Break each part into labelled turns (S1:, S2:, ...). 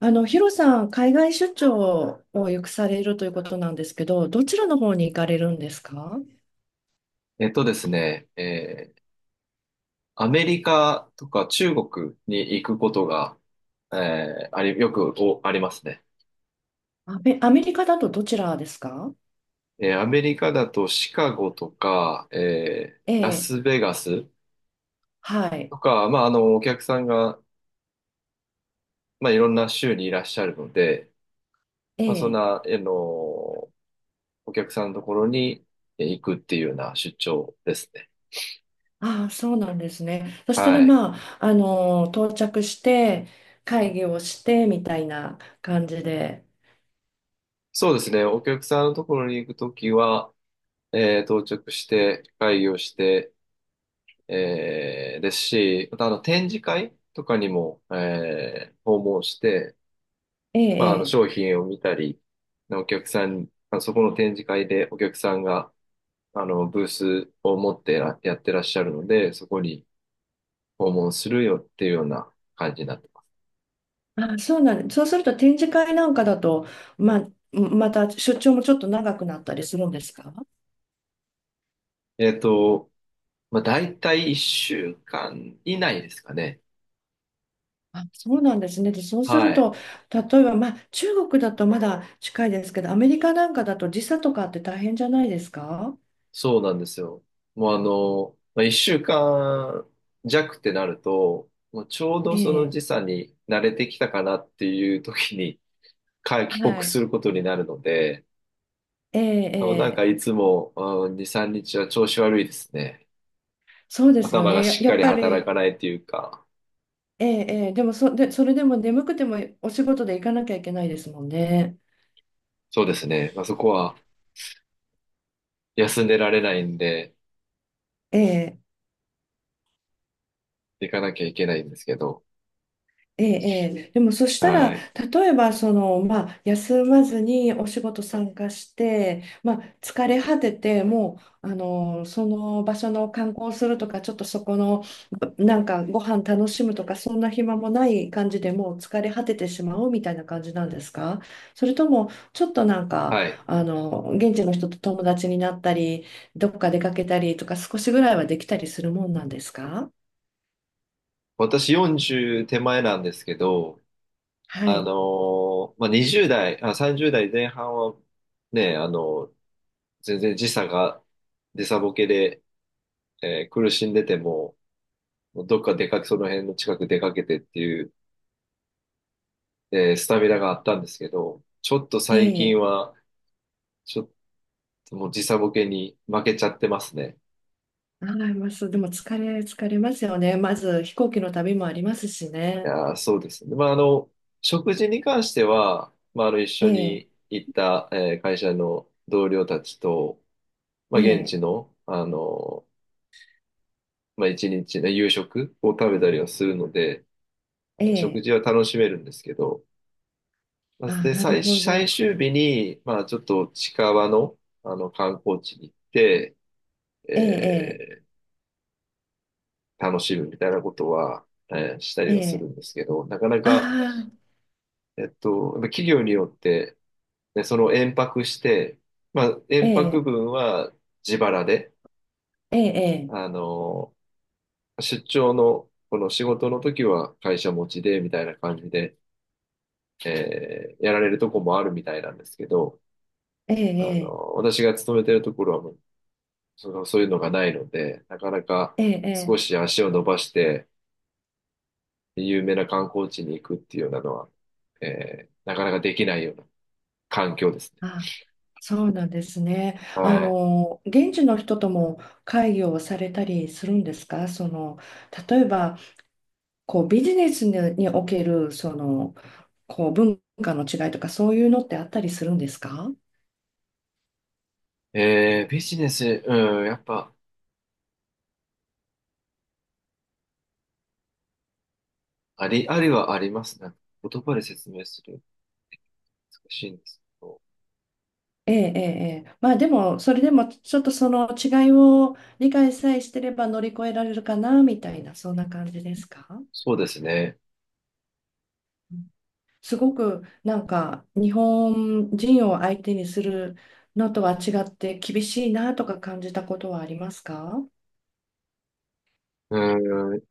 S1: ヒロさん、海外出張をよくされるということなんですけど、どちらの方に行かれるんですか？
S2: えっとですね、えーアメリカとか中国に行くことが、えーあり、よくおありますね。
S1: アメリカだとどちらですか？
S2: アメリカだとシカゴとか、
S1: え
S2: ラ
S1: え、
S2: スベガス
S1: はい。
S2: とか、まあ、お客さんが、まあ、いろんな州にいらっしゃるので、
S1: え
S2: まあ、そん
S1: え、
S2: な、あの、お客さんのところに行くっていうような出張ですね。
S1: ああ、そうなんですね。そしたら、
S2: はい。
S1: 到着して、会議をして、みたいな感じで。
S2: そうですね。お客さんのところに行くときは、到着して、会議をして、ですし、また展示会とかにも、訪問して、
S1: え
S2: まあ、
S1: え、ええ、
S2: 商品を見たり、お客さん、まあそこの展示会でお客さんがブースを持ってらやってらっしゃるので、そこに訪問するよっていうような感じになってます。
S1: ああ、そうなんそうすると展示会なんかだと、まあ、また出張もちょっと長くなったりするんですか？
S2: えっと、まあ、大体1週間以内ですかね。
S1: あ、そうなんですね。で、そうする
S2: はい。
S1: と、例えば、まあ、中国だとまだ近いですけど、アメリカなんかだと時差とかって大変じゃないですか？
S2: そうなんですよ。もうまあ、一週間弱ってなると、もうちょうど
S1: え
S2: その
S1: え、
S2: 時差に慣れてきたかなっていう時に 帰国
S1: は
S2: す
S1: い。
S2: ることになるので、
S1: ええ、
S2: なん
S1: え
S2: か
S1: え、
S2: いつも、うん、2、3日は調子悪いですね。
S1: そうですよ
S2: 頭が
S1: ね。
S2: しっ
S1: や
S2: か
S1: っ
S2: り
S1: ぱ
S2: 働
S1: り、
S2: かないっていうか、
S1: ええ、ええ、でもそれでも眠くてもお仕事で行かなきゃいけないですもんね。
S2: そうですね。まあ、そこは休んでられないんで、
S1: ええ
S2: 行かなきゃいけないんですけど、
S1: ええ、ええ、でもそしたら、
S2: はい。
S1: 例えばその、まあ、休まずにお仕事参加して、まあ、疲れ果てて、もうその場所の観光するとか、ちょっとそこのなんかご飯楽しむとか、そんな暇もない感じでもう疲れ果ててしまうみたいな感じなんですか？それとも、ちょっとなんか
S2: はい。
S1: 現地の人と友達になったり、どっか出かけたりとか、少しぐらいはできたりするもんなんですか？
S2: 私40手前なんですけど、
S1: はい。
S2: まあ、20代、あ、30代前半はね、全然時差が、時差ボケで、苦しんでても、もうどっか出かけ、その辺の近く出かけてっていう、スタミナがあったんですけど、ちょっと最近
S1: ええ、
S2: は、ちょっともう時差ボケに負けちゃってますね。
S1: はい、ます。でも疲れますよね。まず飛行機の旅もありますし
S2: い
S1: ね。
S2: やー、そうですね。まあ、食事に関しては、まあ、一
S1: え
S2: 緒
S1: え、
S2: に行った、会社の同僚たちと、ま
S1: え
S2: あ、現
S1: え、
S2: 地の、まあ、一日の夕食を食べたりはするので、
S1: え
S2: 食
S1: え。
S2: 事は楽しめるんですけど、まあ
S1: あ、
S2: で、
S1: なる
S2: 最、
S1: ほ
S2: 最
S1: ど。
S2: 終日に、まあ、ちょっと近場の、観光地に行って、
S1: ええ、
S2: えー楽しむみたいなことは、したり
S1: ええ、
S2: は
S1: え
S2: する
S1: え。
S2: んですけど、なかな
S1: あ
S2: か、
S1: あ、
S2: やっぱ企業によって、で、その延泊して、まあ、
S1: え
S2: 延泊
S1: え、
S2: 分は自腹で、
S1: ええ、
S2: あの、出張の、この仕事の時は会社持ちで、みたいな感じで、やられるとこもあるみたいなんですけど、
S1: ええ、ええ、
S2: 私が勤めてるところはもう、その、そういうのがないので、なかなか
S1: ええ。え
S2: 少
S1: え、
S2: し足を伸ばして、有名な観光地に行くっていうようなのは、なかなかできないような環境ですね。
S1: あ、そうなんですね。
S2: は
S1: 現地の人とも会議をされたりするんですかその、例えば、こう、ビジネスににおける、その、こう、文化の違いとか、そういうのってあったりするんですか？
S2: い。ビジネス、うん、やっぱ、ありはありますね。言葉で説明する。難しいんですけど。
S1: ええ、ええ、ええ、まあでも、それでもちょっとその違いを理解さえしてれば乗り越えられるかなみたいな、そんな感じですか？
S2: そうですね。
S1: うん、すごくなんか日本人を相手にするのとは違って厳しいなとか感じたことはありますか？
S2: うん。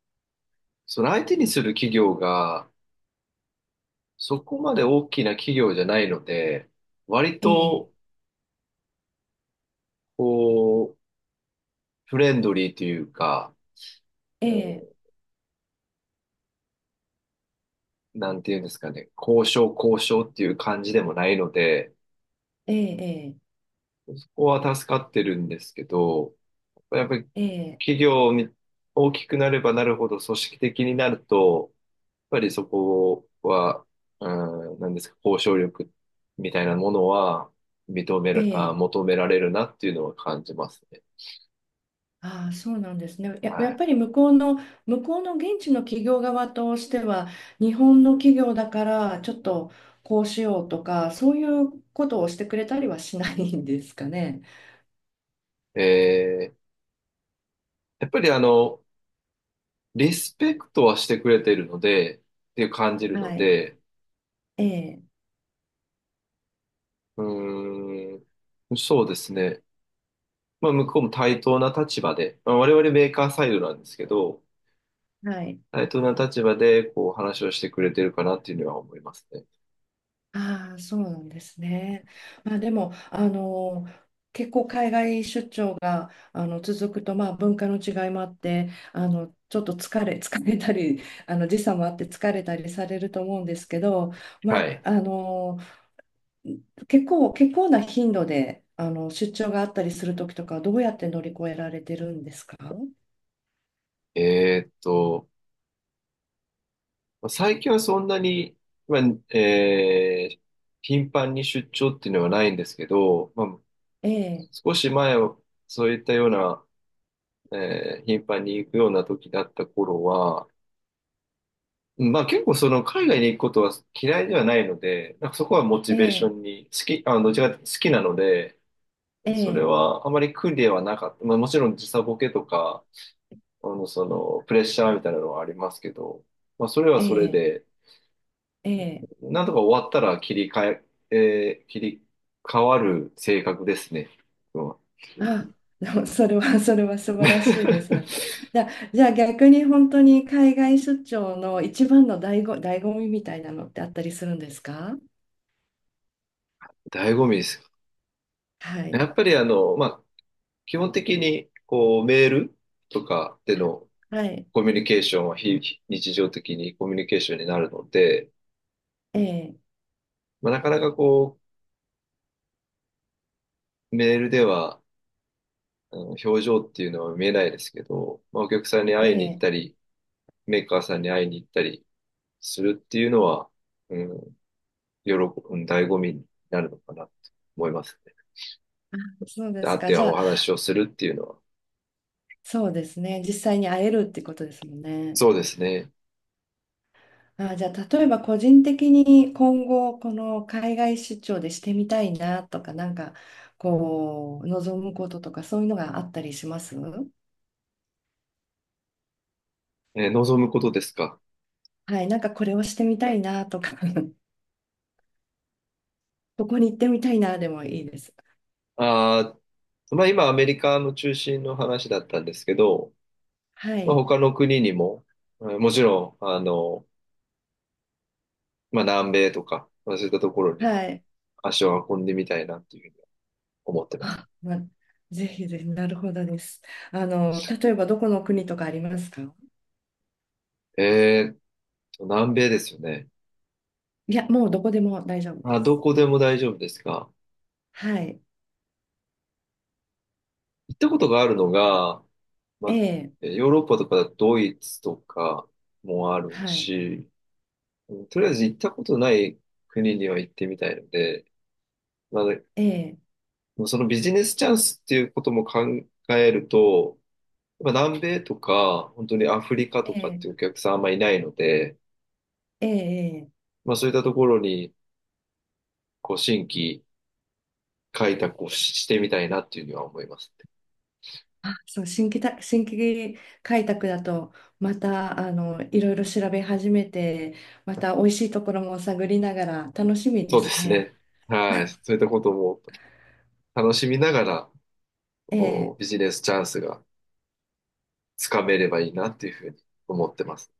S2: その相手にする企業が、そこまで大きな企業じゃないので、割
S1: ええ、
S2: と、こう、フレンドリーというか、
S1: ええ、
S2: うん、なんていうんですかね、交渉交渉っていう感じでもないので、
S1: ええ、
S2: そこは助かってるんですけど、やっぱり
S1: ええ、
S2: 企業に大きくなればなるほど組織的になると、やっぱりそこは、うん、なんですか、交渉力みたいなものは認め
S1: え
S2: る、あ、
S1: え、ええ、
S2: 求められるなっていうのは感じますね。
S1: ああ、そうなんですね。やっぱ
S2: は
S1: り向こうの現地の企業側としては、日本の企業だからちょっとこうしようとか、そういうことをしてくれたりはしないんですかね。
S2: い。やっぱりリスペクトはしてくれてるので、っていう感じるの
S1: はい。
S2: で、
S1: ええ、
S2: うーん、そうですね。まあ、向こうも対等な立場で、まあ、我々メーカーサイドなんですけど、
S1: はい。
S2: 対等な立場で、こう、話をしてくれてるかなっていうのは思いますね。
S1: ああ、そうなんですね。まあでも、結構海外出張が続くと、まあ、文化の違いもあってちょっと疲れたり時差もあって疲れたりされると思うんですけど、ま
S2: は
S1: あ、
S2: い。
S1: 結構な頻度で、出張があったりするときとか、どうやって乗り越えられてるんですか？
S2: えーっと、まあ最近はそんなに、まあ、えー頻繁に出張っていうのはないんですけど、まあ、
S1: ええ、
S2: 少し前は、そういったような頻繁に行くような時だった頃は、まあ結構その海外に行くことは嫌いではないので、なんかそこはモチ
S1: え
S2: ベーショ
S1: え、
S2: ンに、好き、どちらかというと好きなので、
S1: え
S2: それ
S1: え、
S2: はあまり苦ではなかった。まあもちろん時差ボケとか、プレッシャーみたいなのはありますけど、まあそれは
S1: え
S2: それ
S1: え、
S2: で、
S1: ええ。
S2: なんとか終わったら切り替わる性格ですね。うん
S1: あ、でもそれは素晴らしいです。じゃあ逆に本当に海外出張の一番の醍醐味みたいなのってあったりするんですか？
S2: 醍醐味です。
S1: は
S2: や
S1: い、
S2: っぱりまあ、基本的にこうメールとかでの
S1: はい、
S2: コミュニケーションは非日常的にコミュニケーションになるので、
S1: ええ、
S2: まあ、なかなかこうメールでは表情っていうのは見えないですけど、まあ、お客さんに
S1: え
S2: 会いに行っ
S1: え。
S2: たり、メーカーさんに会いに行ったりするっていうのは、うん、喜ぶ、醍醐味になるのかなと思いますね。
S1: そうで
S2: で会
S1: す
S2: っ
S1: か。
S2: て
S1: じゃ
S2: お
S1: あ、
S2: 話をするっていうのは、
S1: そうですね。実際に会えるってことですもんね。
S2: そうですね。
S1: あ、じゃあ、例えば個人的に今後、この海外出張でしてみたいなとか、なんか、こう、望むこととか、そういうのがあったりしますは
S2: 望むことですか。
S1: なんかこれをしてみたいなとか、ここに行ってみたいなでもいいです。
S2: あまあ今アメリカの中心の話だったんですけど、
S1: は
S2: まあ、
S1: い、
S2: 他の国にも、もちろん、まあ、南米とか、まあ、そういったところにも
S1: はい。
S2: 足を運んでみたいなっていうふうに思ってます。
S1: あ、ぜひぜひ、なるほどです。例えばどこの国とかありますか？
S2: えーっ南米ですよね。
S1: いや、もうどこでも大丈夫で
S2: あ、ど
S1: す。
S2: こでも大丈夫ですか？
S1: はい、
S2: 行ったことがあるのが、ま
S1: え
S2: あ、
S1: え、
S2: ヨーロッパとかドイツとかもある
S1: はい、
S2: し、うんとりあえず行ったことない国には行ってみたいので、ま
S1: ええ、
S2: あ、そのビジネスチャンスっていうことも考えると、まあ、南米とか、本当にアフリカと
S1: え
S2: かっ
S1: え、
S2: ていうお客さんあんまいないので、
S1: ええ、ええ、
S2: まあそういったところに、こう、新規開拓をしてみたいなっていうには思いますね。
S1: あ、そう、新規開拓だと、また、いろいろ調べ始めて、また美味しいところも探りながら楽しみ
S2: そ
S1: で
S2: うで
S1: す
S2: す
S1: ね。
S2: ね。はい。そういったことも楽しみながら、
S1: え
S2: こ
S1: え、
S2: う、ビジネスチャンスがつかめればいいなっていうふうに思ってます。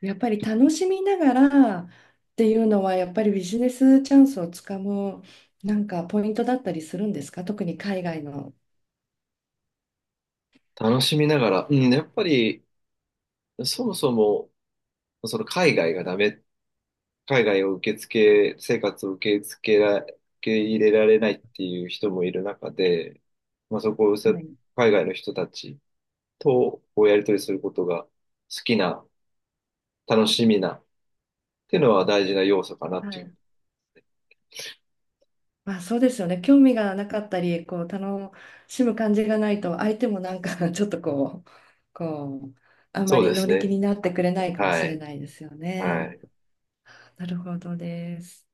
S1: やっぱり楽しみながらっていうのは、やっぱりビジネスチャンスをつかむ、なんかポイントだったりするんですか？特に海外の。
S2: 楽しみながら、うん、やっぱり、そもそも、その海外がダメっ海外を受け付け、生活を受け付けら、受け入れられないっていう人もいる中で、まあ、そこをさ
S1: はい。
S2: 海外の人たちとこうやり取りすることが好きな、楽しみなっていうのは大事な要素かなっ
S1: は
S2: てい
S1: い、
S2: う。
S1: まあそうですよね。興味がなかったり、こう楽しむ感じがないと、相手もなんか ちょっとこう、こう、あま
S2: そう
S1: り
S2: で
S1: 乗
S2: す
S1: り気
S2: ね。
S1: になってくれないかも
S2: は
S1: しれ
S2: い。
S1: ないですよ
S2: は
S1: ね。
S2: い。
S1: なるほどです。